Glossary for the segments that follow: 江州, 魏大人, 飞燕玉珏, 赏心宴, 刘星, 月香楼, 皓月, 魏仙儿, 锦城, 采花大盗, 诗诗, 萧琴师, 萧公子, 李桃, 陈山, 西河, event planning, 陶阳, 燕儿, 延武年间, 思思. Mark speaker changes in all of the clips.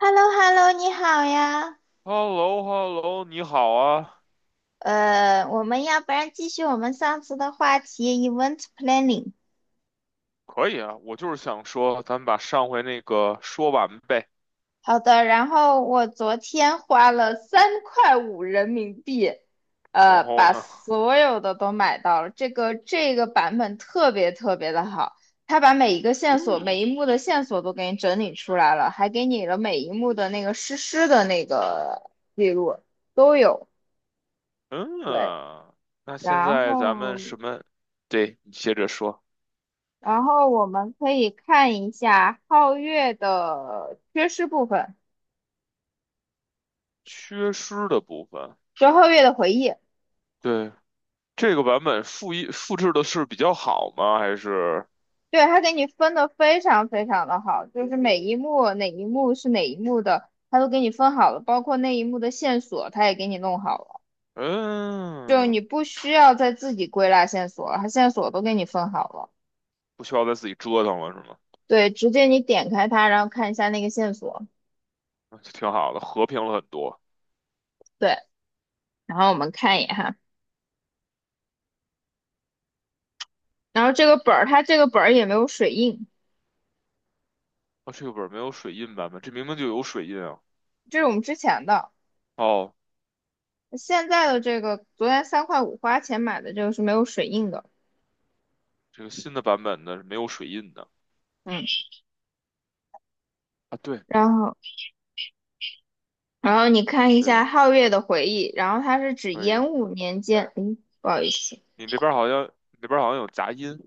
Speaker 1: h e l l o h e l l o 你好呀。
Speaker 2: h e l l o h e l l o 你好啊。
Speaker 1: 我们要不然继续我们上次的话题，event planning。
Speaker 2: 可以啊，我就是想说，咱们把上回那个说完呗。
Speaker 1: 好的，然后我昨天花了三块五人民币，
Speaker 2: 然后
Speaker 1: 把
Speaker 2: 呢？
Speaker 1: 所有的都买到了。这个版本特别特别的好，它把每一个线索、每
Speaker 2: 哦，
Speaker 1: 一幕的线索都给你整理出来了，还给你了每一幕的那个实施的那个记录都有。对，
Speaker 2: 嗯。那现
Speaker 1: 然
Speaker 2: 在咱
Speaker 1: 后。
Speaker 2: 们什么？对，你接着说。
Speaker 1: 然后我们可以看一下皓月的缺失部分，
Speaker 2: 缺失的部分。
Speaker 1: 就是皓月的回忆。
Speaker 2: 对，这个版本复制的是比较好吗？还是
Speaker 1: 对，他给你分的非常非常的好，就是每一幕哪一幕是哪一幕的，他都给你分好了，包括那一幕的线索，他也给你弄好了，就你
Speaker 2: 嗯，
Speaker 1: 不需要再自己归纳线索了，他线索都给你分好了。
Speaker 2: 不需要再自己折腾了是吗？
Speaker 1: 对，直接你点开它，然后看一下那个线索。
Speaker 2: 那就挺好的，和平了很多。
Speaker 1: 对，然后我们看一眼哈，然后这个本儿，它这个本儿也没有水印，
Speaker 2: 啊，这个本儿没有水印版本，这明明就有水印啊。
Speaker 1: 这是我们之前的。
Speaker 2: 哦，
Speaker 1: 现在的这个昨天三块五花钱买的这个是没有水印的，
Speaker 2: 这个新的版本呢是没有水印的。
Speaker 1: 嗯，
Speaker 2: 啊，对
Speaker 1: 然后然后你看一下
Speaker 2: 对，
Speaker 1: 皓月的回忆，然后它是指
Speaker 2: 可以。
Speaker 1: 延武年间，诶，不好意思，
Speaker 2: 你那边儿好像，你那边儿好像有杂音。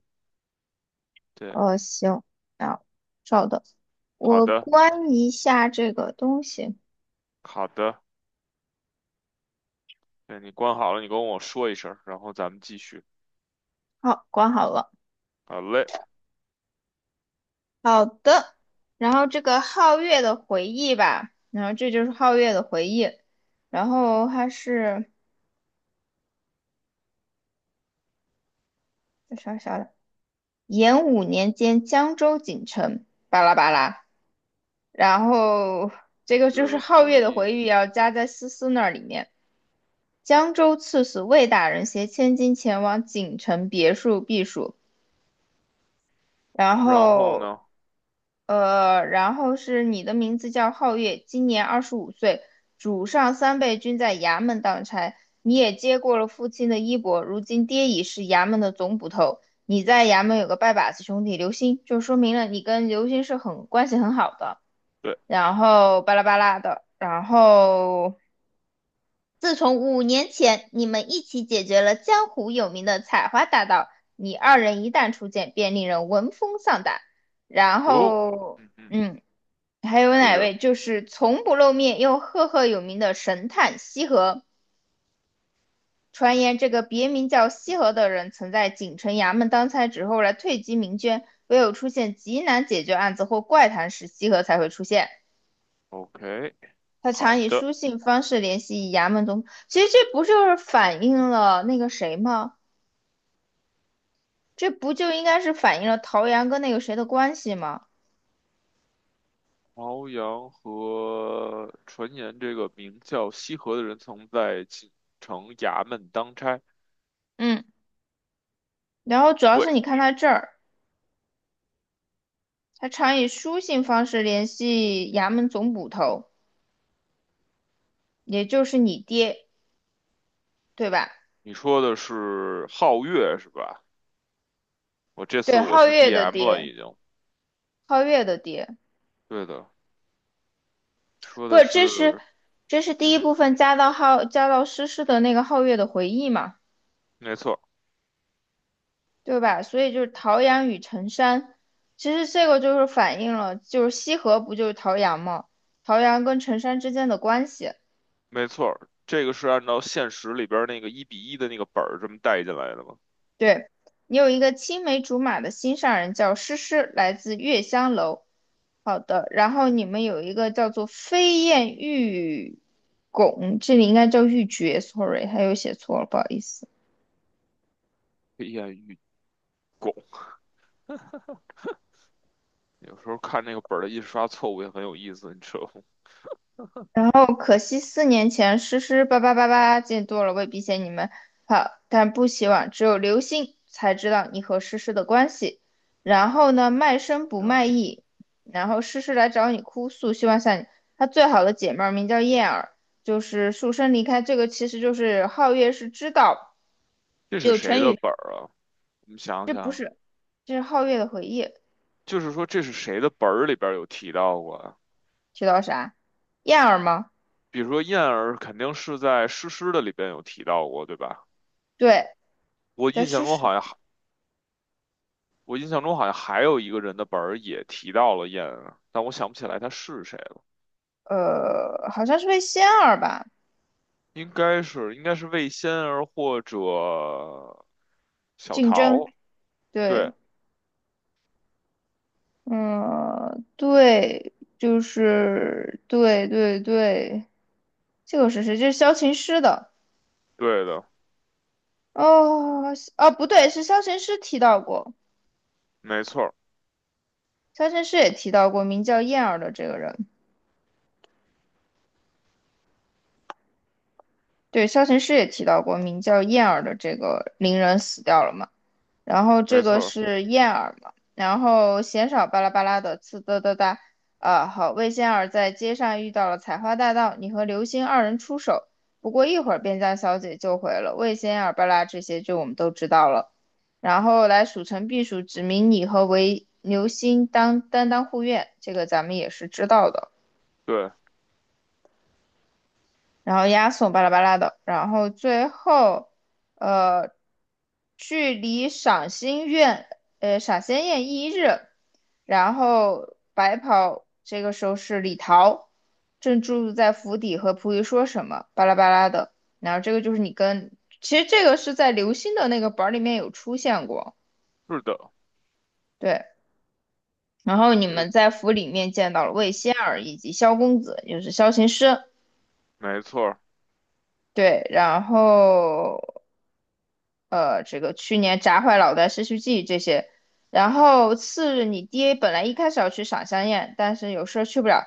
Speaker 2: 对，
Speaker 1: 行，啊，稍等，
Speaker 2: 好
Speaker 1: 我
Speaker 2: 的，
Speaker 1: 关一下这个东西，
Speaker 2: 好的。对，你关好了，你跟我说一声然后咱们继续。
Speaker 1: 好，关好了，
Speaker 2: 好嘞，
Speaker 1: 好的，然后这个皓月的回忆吧，然后这就是皓月的回忆，然后它是啥啥的，延武年间江州锦城，巴拉巴拉。然后这个就
Speaker 2: 月
Speaker 1: 是
Speaker 2: 的
Speaker 1: 皓
Speaker 2: 回
Speaker 1: 月的
Speaker 2: 忆。
Speaker 1: 回忆要加在思思那里面。江州刺史魏大人携千金前往锦城别墅避暑，然
Speaker 2: 然后
Speaker 1: 后
Speaker 2: 呢？
Speaker 1: 然后是你的名字叫皓月，今年25岁，主上三辈均在衙门当差，你也接过了父亲的衣钵，如今爹已是衙门的总捕头，你在衙门有个拜把子兄弟刘星，就说明了你跟刘星是很关系很好的。
Speaker 2: 对，
Speaker 1: 然后巴拉巴拉的，然后自从5年前你们一起解决了江湖有名的采花大盗，你二人一旦出现，便令人闻风丧胆。然
Speaker 2: 哦，
Speaker 1: 后，
Speaker 2: 嗯嗯，
Speaker 1: 嗯，还有
Speaker 2: 接
Speaker 1: 哪
Speaker 2: 着
Speaker 1: 位？就是从不露面又赫赫有名的神探西河。传言这个别名叫西河的人，曾在锦城衙门当差，之后来退居民间。唯有出现极难解决案子或怪谈时，西河才会出现。
Speaker 2: ，OK，
Speaker 1: 他
Speaker 2: 好
Speaker 1: 常以
Speaker 2: 的。
Speaker 1: 书信方式联系衙门中，其实这不就是反映了那个谁吗？这不就应该是反映了陶阳跟那个谁的关系吗？
Speaker 2: 朝阳和传言，这个名叫西河的人曾在锦城衙门当差。
Speaker 1: 嗯，然后主要
Speaker 2: 对，
Speaker 1: 是你看他这儿，他常以书信方式联系衙门总捕头，也就是你爹，对吧？
Speaker 2: 你说的是皓月是吧？我这
Speaker 1: 对，
Speaker 2: 次我
Speaker 1: 皓
Speaker 2: 是
Speaker 1: 月的
Speaker 2: DM 了，
Speaker 1: 爹，
Speaker 2: 已经。
Speaker 1: 皓月的爹，
Speaker 2: 对的。说
Speaker 1: 不，
Speaker 2: 的
Speaker 1: 这是
Speaker 2: 是，
Speaker 1: 这是第
Speaker 2: 嗯
Speaker 1: 一
Speaker 2: 哼，
Speaker 1: 部分加到诗诗的那个皓月的回忆嘛，
Speaker 2: 没错，
Speaker 1: 对吧？所以就是陶阳与陈山，其实这个就是反映了，就是西河不就是陶阳吗？陶阳跟陈山之间的关系。
Speaker 2: 没错。这个是按照现实里边儿那个一比一的那个本儿这么带进来的吗？
Speaker 1: 对，你有一个青梅竹马的心上人叫诗诗，来自月香楼。好的，然后你们有一个叫做飞燕玉拱，这里应该叫玉珏，sorry，还有写错了，不好意思。
Speaker 2: 飞燕与狗 有时候看那个本儿的印刷错误也很有意思，你知道吗？
Speaker 1: 哦，可惜4年前诗诗叭叭叭叭见多了，未必嫌你们好，但不希望只有刘星才知道你和诗诗的关系。然后呢，卖身不卖
Speaker 2: 啊，
Speaker 1: 艺，然后诗诗来找你哭诉，希望像你，她最好的姐妹儿名叫燕儿，就是束身离开。这个其实就是皓月是知道，
Speaker 2: 这是
Speaker 1: 就
Speaker 2: 谁
Speaker 1: 成
Speaker 2: 的
Speaker 1: 语，
Speaker 2: 本儿啊？我们想想，
Speaker 1: 这是皓月的回忆，
Speaker 2: 就是说这是谁的本儿里边儿有提到过啊？
Speaker 1: 提到啥？燕儿吗？
Speaker 2: 比如说燕儿肯定是在诗诗的里边有提到过，对吧？
Speaker 1: 对，
Speaker 2: 我
Speaker 1: 在
Speaker 2: 印象
Speaker 1: 诗
Speaker 2: 中
Speaker 1: 诗，
Speaker 2: 好像还我印象中好像还有一个人的本儿也提到了燕儿啊，但我想不起来他是谁。
Speaker 1: 好像是为仙儿吧
Speaker 2: 应该是魏仙儿或者小
Speaker 1: 竞争，
Speaker 2: 桃，对，
Speaker 1: 对。嗯，对，就是对对对，这个是谁？这是萧琴师的
Speaker 2: 对的，
Speaker 1: 哦，哦，不对，是萧琴师提到过，
Speaker 2: 没错儿，
Speaker 1: 萧琴师也提到过名叫燕儿的这个人，对，萧琴师也提到过名叫燕儿的这个伶人死掉了嘛？然后
Speaker 2: 没
Speaker 1: 这
Speaker 2: 错
Speaker 1: 个
Speaker 2: 儿，
Speaker 1: 是燕儿嘛，然后鲜少巴拉巴拉的呲哒哒哒，啊，好，魏仙儿在街上遇到了采花大盗，你和刘星二人出手，不过一会儿便将小姐救回了。魏仙儿巴拉这些就我们都知道了，然后来数城避暑，指明你和韦刘星当担当护院，这个咱们也是知道的。
Speaker 2: 对，
Speaker 1: 然后押送巴拉巴拉的，然后最后，呃，距离赏心宴，赏心宴一日，然后白袍这个时候是李桃，正住在府邸和仆役说什么，巴拉巴拉的，然后这个就是你跟，其实这个是在刘星的那个本儿里面有出现过，
Speaker 2: 是的，
Speaker 1: 对，然后你
Speaker 2: 这个
Speaker 1: 们在府里面见到了魏仙儿以及萧公子，也就是萧琴师。
Speaker 2: 没错儿，
Speaker 1: 对，然后这个去年砸坏脑袋、失去记忆这些。然后次日，你爹本来一开始要去赏香宴，但是有事儿去不了。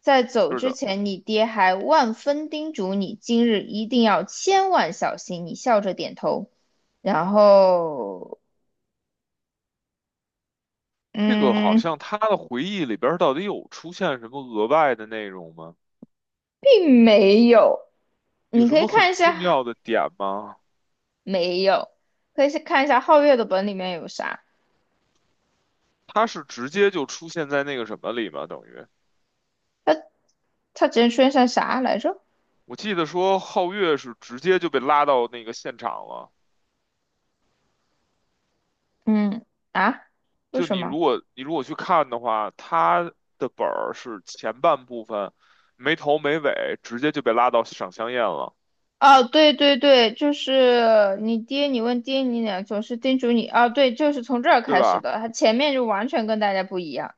Speaker 1: 在走
Speaker 2: 是
Speaker 1: 之
Speaker 2: 的。
Speaker 1: 前，你爹还万分叮嘱你，今日一定要千万小心。你笑着点头，然后，
Speaker 2: 这个好
Speaker 1: 嗯，
Speaker 2: 像他的回忆里边儿到底有出现什么额外的内容吗？
Speaker 1: 并没有。
Speaker 2: 有
Speaker 1: 你
Speaker 2: 什
Speaker 1: 可以
Speaker 2: 么很
Speaker 1: 看一
Speaker 2: 重要
Speaker 1: 下，
Speaker 2: 的点吗？
Speaker 1: 没有，可以去看一下皓月的本里面有啥，
Speaker 2: 他是直接就出现在那个什么里吗？等于
Speaker 1: 他之前出现啥来着？
Speaker 2: 我记得说皓月是直接就被拉到那个现场了。
Speaker 1: 嗯啊，为
Speaker 2: 就
Speaker 1: 什
Speaker 2: 你
Speaker 1: 么？
Speaker 2: 如果你如果去看的话，他的本儿是前半部分没头没尾，直接就被拉到赏香宴了，
Speaker 1: 哦，对对对，就是你爹，你问爹，你俩总是叮嘱你。啊。对，就是从这儿
Speaker 2: 对
Speaker 1: 开始
Speaker 2: 吧？
Speaker 1: 的，他前面就完全跟大家不一样。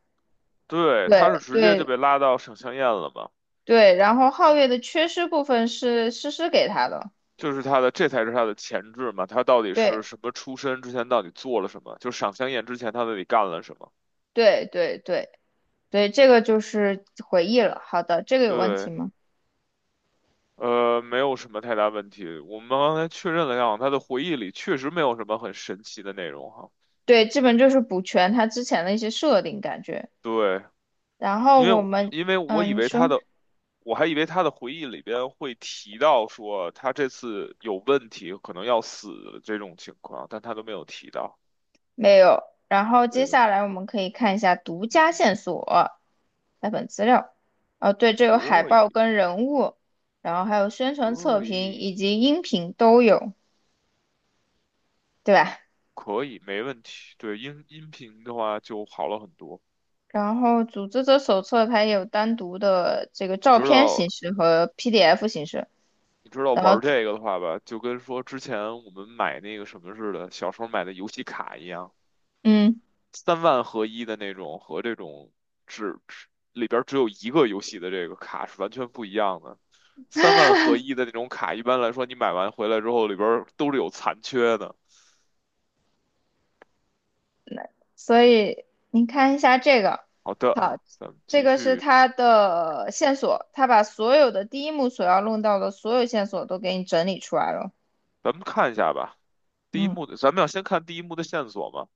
Speaker 2: 对，
Speaker 1: 对
Speaker 2: 他是直接就
Speaker 1: 对
Speaker 2: 被拉到赏香宴了嘛，
Speaker 1: 对，然后皓月的缺失部分是诗诗给他的。
Speaker 2: 就是他的这才是他的前置嘛，他到底是
Speaker 1: 对
Speaker 2: 什么出身，之前到底做了什么，就赏香宴之前他到底干了什么？
Speaker 1: 对对对对，这个就是回忆了。好的，这个有问题
Speaker 2: 对。
Speaker 1: 吗？
Speaker 2: 没有什么太大问题。我们刚才确认了一下，他的回忆里确实没有什么很神奇的内容哈。
Speaker 1: 对，基本就是补全他之前的一些设定感觉。
Speaker 2: 对，
Speaker 1: 然后
Speaker 2: 因
Speaker 1: 我
Speaker 2: 为
Speaker 1: 们，
Speaker 2: 因为我以
Speaker 1: 嗯，你
Speaker 2: 为他
Speaker 1: 说。
Speaker 2: 的，我还以为他的回忆里边会提到说他这次有问题，可能要死这种情况，但他都没有提到。
Speaker 1: 没有。然后接
Speaker 2: 对的，
Speaker 1: 下来我们可以看一下独家线索，来本资料。哦，对，这有海
Speaker 2: 可
Speaker 1: 报
Speaker 2: 以，
Speaker 1: 跟人物，然后还有宣传测
Speaker 2: 可
Speaker 1: 评
Speaker 2: 以，
Speaker 1: 以及音频都有，对吧？
Speaker 2: 可以，没问题。对，音频的话就好了很多。
Speaker 1: 然后组织者手册它也有单独的这个
Speaker 2: 你
Speaker 1: 照
Speaker 2: 知
Speaker 1: 片
Speaker 2: 道，
Speaker 1: 形式和 PDF 形式。
Speaker 2: 你知道
Speaker 1: 然后，
Speaker 2: 玩这个的话吧，就跟说之前我们买那个什么似的，小时候买的游戏卡一样。
Speaker 1: 嗯，
Speaker 2: 三万合一的那种和这种只里边儿只有一个游戏的这个卡是完全不一样的。三万合一的那种卡，一般来说你买完回来之后里边儿都是有残缺的。
Speaker 1: 所以你看一下这个，
Speaker 2: 好的，
Speaker 1: 好，
Speaker 2: 咱们
Speaker 1: 这
Speaker 2: 继
Speaker 1: 个是
Speaker 2: 续，
Speaker 1: 它的线索，它把所有的第一幕所要弄到的所有线索都给你整理出来了。
Speaker 2: 咱们看一下吧。第一
Speaker 1: 嗯。
Speaker 2: 幕的，咱们要先看第一幕的线索吗？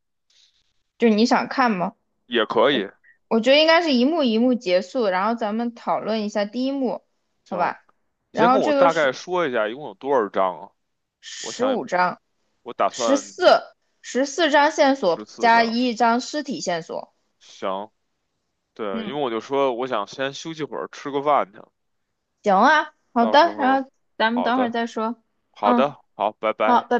Speaker 1: 就是你想看吗？
Speaker 2: 也可以，
Speaker 1: 我觉得应该是一幕一幕结束，然后咱们讨论一下第一幕，好
Speaker 2: 行。
Speaker 1: 吧？
Speaker 2: 你
Speaker 1: 然
Speaker 2: 先
Speaker 1: 后
Speaker 2: 跟我
Speaker 1: 这个
Speaker 2: 大概
Speaker 1: 是
Speaker 2: 说一下一共有多少张啊？我
Speaker 1: 十五
Speaker 2: 想
Speaker 1: 张，
Speaker 2: 我打
Speaker 1: 十
Speaker 2: 算
Speaker 1: 四十四张线索
Speaker 2: 十四
Speaker 1: 加
Speaker 2: 张。
Speaker 1: 一张尸体线索。
Speaker 2: 行，对，因
Speaker 1: 嗯，
Speaker 2: 为我就说我想先休息会儿，吃个饭去。
Speaker 1: 行啊，好
Speaker 2: 到时
Speaker 1: 的，然
Speaker 2: 候，
Speaker 1: 后咱们
Speaker 2: 好
Speaker 1: 等会儿
Speaker 2: 的，
Speaker 1: 再说。
Speaker 2: 好
Speaker 1: 嗯，
Speaker 2: 的，好，拜
Speaker 1: 好，
Speaker 2: 拜。
Speaker 1: 拜拜。